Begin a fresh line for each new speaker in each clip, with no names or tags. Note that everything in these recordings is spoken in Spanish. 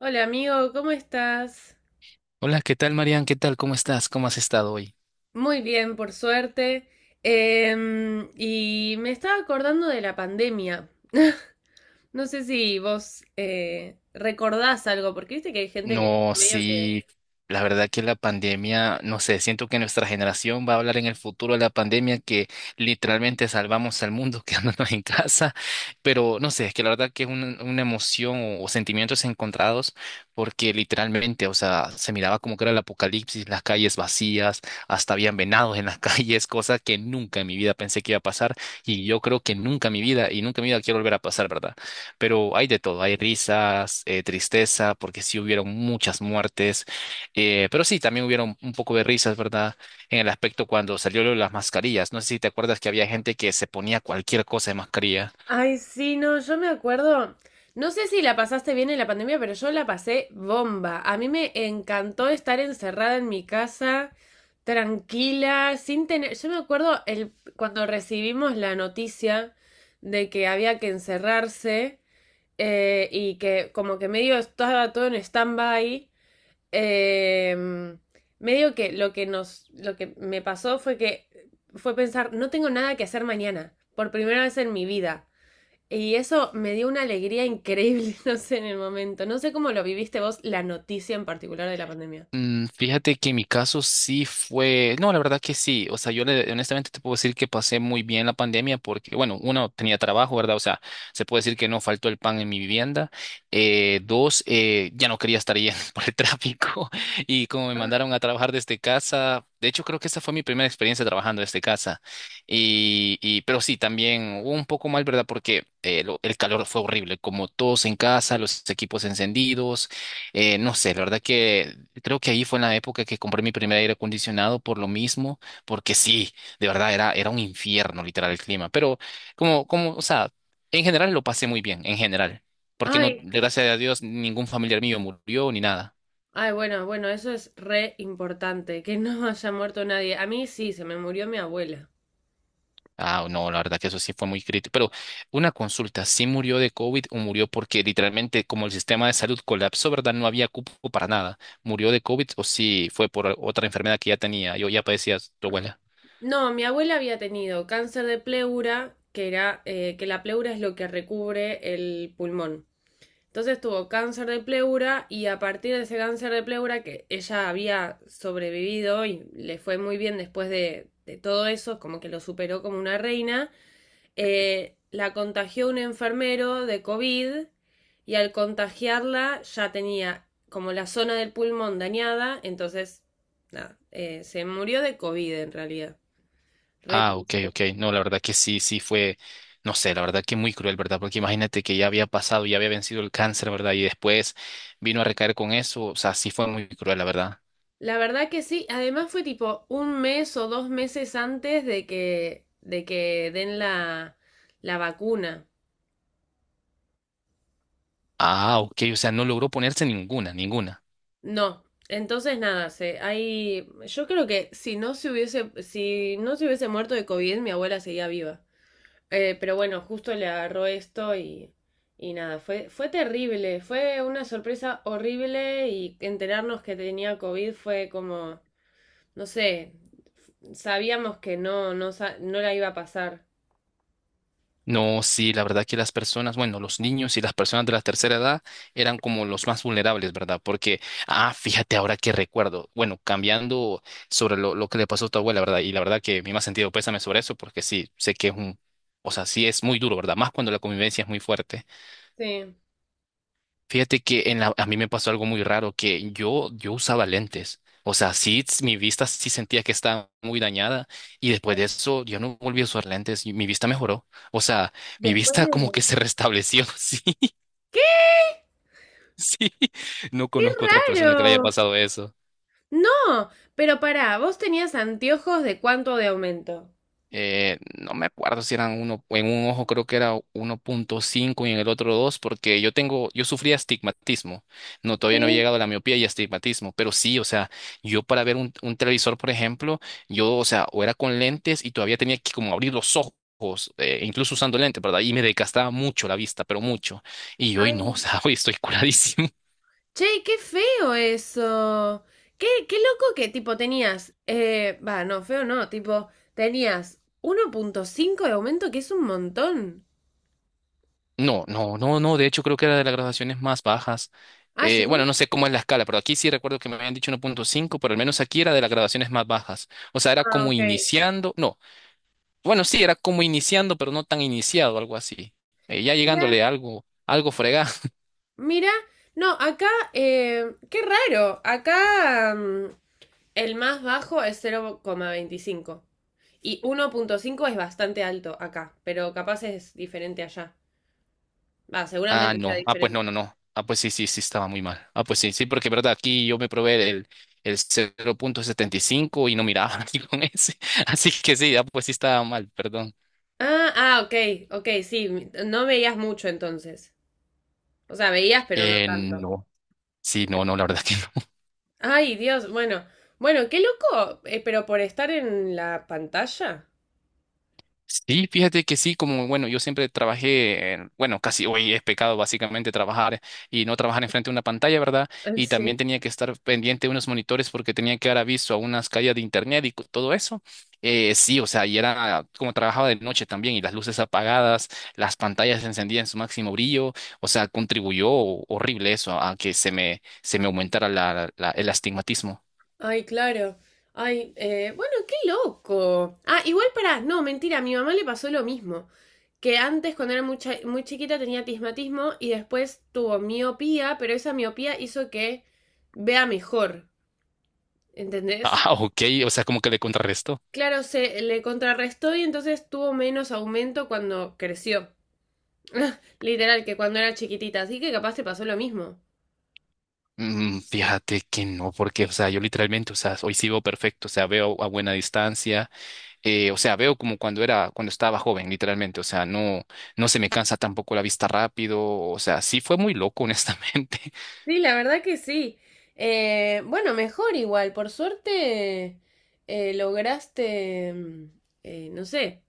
Hola amigo, ¿cómo estás?
Hola, ¿qué tal, Marian? ¿Qué tal? ¿Cómo estás? ¿Cómo has estado hoy?
Muy bien, por suerte. Y me estaba acordando de la pandemia. No sé si vos recordás algo, porque viste que hay gente que
No,
medio que...
sí, la verdad que la pandemia, no sé, siento que nuestra generación va a hablar en el futuro de la pandemia que literalmente salvamos al mundo quedándonos en casa, pero no sé, es que la verdad que es una emoción o sentimientos encontrados porque literalmente, o sea, se miraba como que era el apocalipsis, las calles vacías, hasta habían venados en las calles, cosa que nunca en mi vida pensé que iba a pasar y yo creo que nunca en mi vida y nunca en mi vida quiero volver a pasar, ¿verdad? Pero hay de todo, hay risas, tristeza, porque sí hubieron muchas muertes, pero sí, también hubieron un poco de risas, ¿verdad? En el aspecto cuando salió lo de las mascarillas, no sé si te acuerdas que había gente que se ponía cualquier cosa de mascarilla.
Ay, sí, no, yo me acuerdo. No sé si la pasaste bien en la pandemia, pero yo la pasé bomba. A mí me encantó estar encerrada en mi casa, tranquila, sin tener. Yo me acuerdo el... cuando recibimos la noticia de que había que encerrarse. Y que como que medio estaba todo en stand-by. eh, Medio que lo que me pasó fue que fue pensar, no tengo nada que hacer mañana, por primera vez en mi vida. Y eso me dio una alegría increíble, no sé, en el momento. No sé cómo lo viviste vos, la noticia en particular de la pandemia.
Mm, fíjate que en mi caso sí fue, no, la verdad que sí, o sea, honestamente te puedo decir que pasé muy bien la pandemia porque, bueno, uno tenía trabajo, ¿verdad? O sea, se puede decir que no faltó el pan en mi vivienda. Dos, ya no quería estar yendo por el tráfico y como me mandaron a trabajar desde casa, de hecho creo que esa fue mi primera experiencia trabajando desde casa. Y pero sí, también hubo un poco mal, ¿verdad? Porque el calor fue horrible, como todos en casa, los equipos encendidos. No sé, la verdad que creo que ahí fue en la época que compré mi primer aire acondicionado por lo mismo, porque sí, de verdad era, era un infierno literal el clima, pero o sea, en general lo pasé muy bien, en general, porque no,
Ay,
gracias a Dios, ningún familiar mío murió ni nada.
ay, bueno, bueno, eso es re importante, que no haya muerto nadie. A mí sí, se me murió mi abuela.
Ah, no, la verdad que eso sí fue muy crítico, pero una consulta, ¿sí murió de COVID o murió porque literalmente como el sistema de salud colapsó? ¿Verdad? No había cupo para nada. ¿Murió de COVID o sí fue por otra enfermedad que ya tenía? Yo ya padecía, tu abuela.
No, mi abuela había tenido cáncer de pleura, que la pleura es lo que recubre el pulmón. Entonces tuvo cáncer de pleura y a partir de ese cáncer de pleura que ella había sobrevivido y le fue muy bien después de todo eso, como que lo superó como una reina, la contagió un enfermero de COVID y al contagiarla ya tenía como la zona del pulmón dañada, entonces nada, se murió de COVID en realidad. Re
Ah, ok,
triste.
ok. No, la verdad que sí, sí fue, no sé, la verdad que muy cruel, ¿verdad? Porque imagínate que ya había pasado, ya había vencido el cáncer, ¿verdad? Y después vino a recaer con eso, o sea, sí fue muy cruel, la verdad.
La verdad que sí, además fue tipo un mes o dos meses antes de que, den la vacuna.
Ah, ok, o sea, no logró ponerse ninguna, ninguna.
No, entonces nada, yo creo que si no se hubiese muerto de COVID, mi abuela seguía viva. Pero bueno, justo le agarró esto y, nada, fue terrible, fue una sorpresa horrible y enterarnos que tenía COVID fue como... no sé, sabíamos que no la iba a pasar.
No, sí, la verdad que las personas, bueno, los niños y las personas de la tercera edad eran como los más vulnerables, ¿verdad? Porque, ah, fíjate ahora que recuerdo, bueno, cambiando sobre lo que le pasó a tu abuela, ¿verdad? Y la verdad que me ha sentido pésame sobre eso, porque sí, sé que es un, o sea, sí es muy duro, ¿verdad? Más cuando la convivencia es muy fuerte.
Sí.
Fíjate que en la- A mí me pasó algo muy raro, que yo usaba lentes. O sea, sí, mi vista sí sentía que estaba muy dañada y después de eso yo no volví a usar lentes y mi vista mejoró. O sea, mi
Después
vista
de...
como que se restableció. Sí,
¿Qué?
sí. No
¡Qué
conozco otra persona que le haya
raro!
pasado eso.
No, pero pará, vos tenías anteojos de cuánto de aumento.
No me acuerdo si eran uno, en un ojo creo que era 1.5 y en el otro 2 porque yo tengo, yo sufría astigmatismo. No, todavía no he
Sí.
llegado a la miopía y astigmatismo, pero sí, o sea, yo para ver un televisor, por ejemplo, yo, o sea, o era con lentes y todavía tenía que como abrir los ojos. Incluso usando lentes, ¿verdad? Y me desgastaba mucho la vista, pero mucho. Y hoy
Ay,
no, o sea, hoy estoy curadísimo.
che, qué feo eso. Qué loco que tipo tenías. Va, no, feo no, tipo, tenías 1,5 de aumento, que es un montón.
No, no, no, no. De hecho, creo que era de las graduaciones más bajas.
Ah, sí.
Bueno, no sé cómo es la escala, pero aquí sí recuerdo que me habían dicho 1.5, pero al menos aquí era de las graduaciones más bajas. O sea, era
Ah,
como
ok.
iniciando. No, bueno, sí, era como iniciando, pero no tan iniciado, algo así. Ya llegándole
Mira,
a algo, algo fregado.
mira, no, acá, qué raro, acá el más bajo es 0,25 y 1,5 es bastante alto acá, pero capaz es diferente allá. Va,
Ah,
seguramente sea
no. Ah, pues no,
diferente.
no, no. Ah, pues sí, sí, sí, estaba muy mal. Ah, pues sí, sí, porque verdad, aquí yo me probé el 0.75 y cinco y no miraba aquí con ese. Así que sí, ah, pues sí estaba mal, perdón.
Ah, ah, ok, ok, sí, no veías mucho entonces. O sea, veías, pero no tanto.
No. Sí, no, no, la verdad que no.
Ay, Dios, bueno, bueno, qué loco, pero por estar en la pantalla.
Sí, fíjate que sí, como bueno, yo siempre trabajé, bueno, casi hoy es pecado básicamente trabajar y no trabajar enfrente de una pantalla, ¿verdad? Y
Sí.
también tenía que estar pendiente de unos monitores porque tenía que dar aviso a unas calles de internet y todo eso. Sí, o sea, y era como trabajaba de noche también y las luces apagadas, las pantallas encendidas en su máximo brillo, o sea, contribuyó horrible eso a que se me aumentara el astigmatismo.
Ay, claro. Ay, bueno, qué loco. Ah, igual para, no, mentira, a mi mamá le pasó lo mismo. Que antes, cuando era muy chiquita, tenía tismatismo y después tuvo miopía, pero esa miopía hizo que vea mejor, ¿entendés?
Ah, ok, o sea, como que le contrarrestó.
Claro, se le contrarrestó y entonces tuvo menos aumento cuando creció. Literal, que cuando era chiquitita. Así que capaz te pasó lo mismo.
Mm, fíjate que no, porque, o sea, yo literalmente, o sea, hoy sí veo perfecto, o sea, veo a buena distancia, o sea, veo como cuando era, cuando estaba joven, literalmente, o sea, no, no se me cansa tampoco la vista rápido, o sea, sí fue muy loco, honestamente.
Sí, la verdad que sí. Bueno, mejor igual. Por suerte lograste, no sé,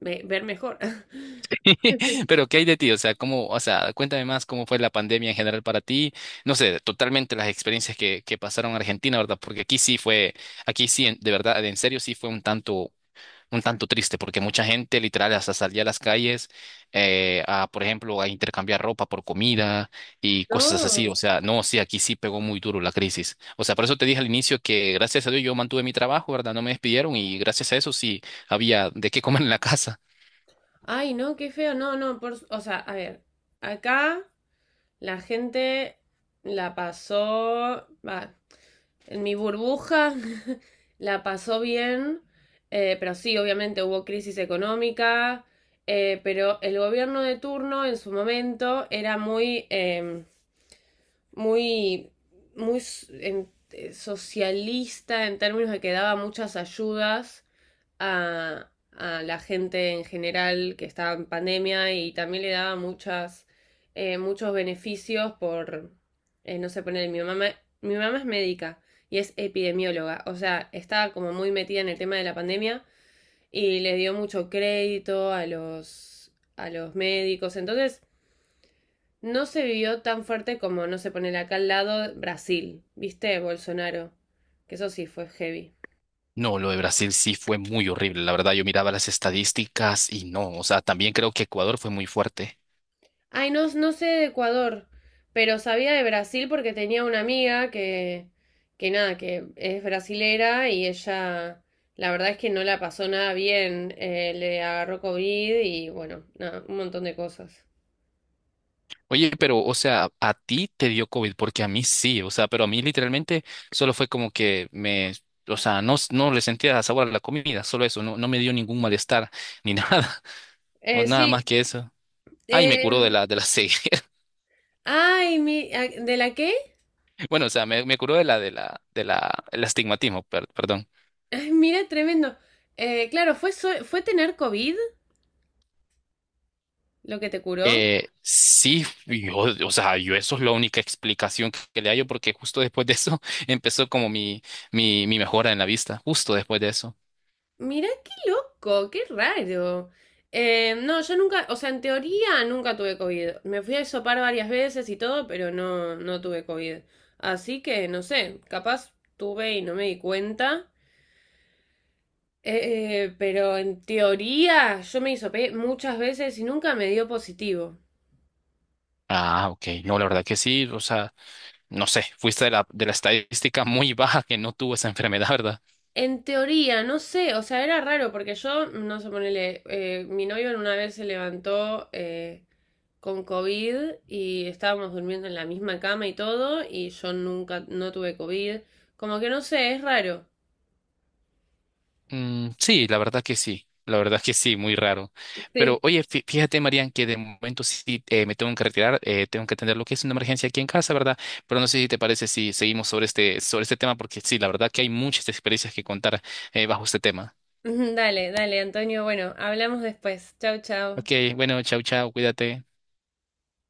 ver mejor.
Pero, ¿qué hay de ti? O sea, cómo, o sea, cuéntame más cómo fue la pandemia en general para ti, no sé, totalmente las experiencias que pasaron en Argentina, ¿verdad? Porque aquí sí fue, aquí sí, de verdad, en serio, sí fue un tanto triste porque mucha gente literal hasta salía a las calles a, por ejemplo, a intercambiar ropa por comida y cosas así. O
No.
sea, no, sí, aquí sí pegó muy duro la crisis. O sea, por eso te dije al inicio que gracias a Dios yo mantuve mi trabajo, ¿verdad? No me despidieron y gracias a eso sí había de qué comer en la casa.
Ay, no, qué feo. No, no, o sea, a ver, acá la gente la pasó, va, en mi burbuja la pasó bien, pero sí, obviamente hubo crisis económica, pero el gobierno de turno en su momento era muy... muy, muy socialista en términos de que daba muchas ayudas a la gente en general que estaba en pandemia y también le daba muchos beneficios por, no sé, poner mi mamá es médica y es epidemióloga, o sea, estaba como muy metida en el tema de la pandemia y le dio mucho crédito a los médicos, entonces no se vivió tan fuerte como, no se pone acá al lado Brasil, ¿viste? Bolsonaro, que eso sí fue heavy.
No, lo de Brasil sí fue muy horrible, la verdad. Yo miraba las estadísticas y no, o sea, también creo que Ecuador fue muy fuerte.
Ay, no, no sé de Ecuador, pero sabía de Brasil porque tenía una amiga que nada, que es brasilera y ella, la verdad es que no la pasó nada bien, le agarró COVID y bueno, nada, un montón de cosas.
Oye, pero, o sea, a ti te dio COVID, porque a mí sí, o sea, pero a mí literalmente solo fue como que me, o sea, no, no le sentía sabor a la comida, solo eso, no, no me dio ningún malestar ni nada, o nada
Sí,
más que eso. Ay, me curó de
eh,
de la ceguera.
ay, ah, ¿de la qué?
Bueno, o sea, me curó de el astigmatismo, perdón.
Ay, mira, tremendo. Claro, fue tener COVID lo que te curó.
Sí, yo, o sea, yo eso es la única explicación que le hallo, porque justo después de eso empezó como mi, mi mejora en la vista, justo después de eso.
Mirá qué loco, qué raro. No, yo nunca, o sea, en teoría nunca tuve COVID. Me fui a hisopar varias veces y todo, pero no, no tuve COVID. Así que no sé, capaz tuve y no me di cuenta. Pero en teoría yo me hisopé muchas veces y nunca me dio positivo.
Ah, ok. No, la verdad que sí. O sea, no sé, fuiste de de la estadística muy baja que no tuvo esa enfermedad, ¿verdad?
En teoría, no sé, o sea, era raro porque yo, no sé, ponele, mi novio en una vez se levantó con COVID y estábamos durmiendo en la misma cama y todo, y yo nunca, no tuve COVID. Como que no sé, es raro.
Mm, sí, la verdad que sí. La verdad que sí, muy raro. Pero
Sí.
oye, fíjate, Marian, que de momento sí me tengo que retirar, tengo que atender lo que es una emergencia aquí en casa, ¿verdad? Pero no sé si te parece si seguimos sobre este tema, porque sí, la verdad que hay muchas experiencias que contar bajo este tema.
Dale, dale, Antonio, bueno, hablamos después. Chau, chau.
Ok, bueno, chau, chau, cuídate.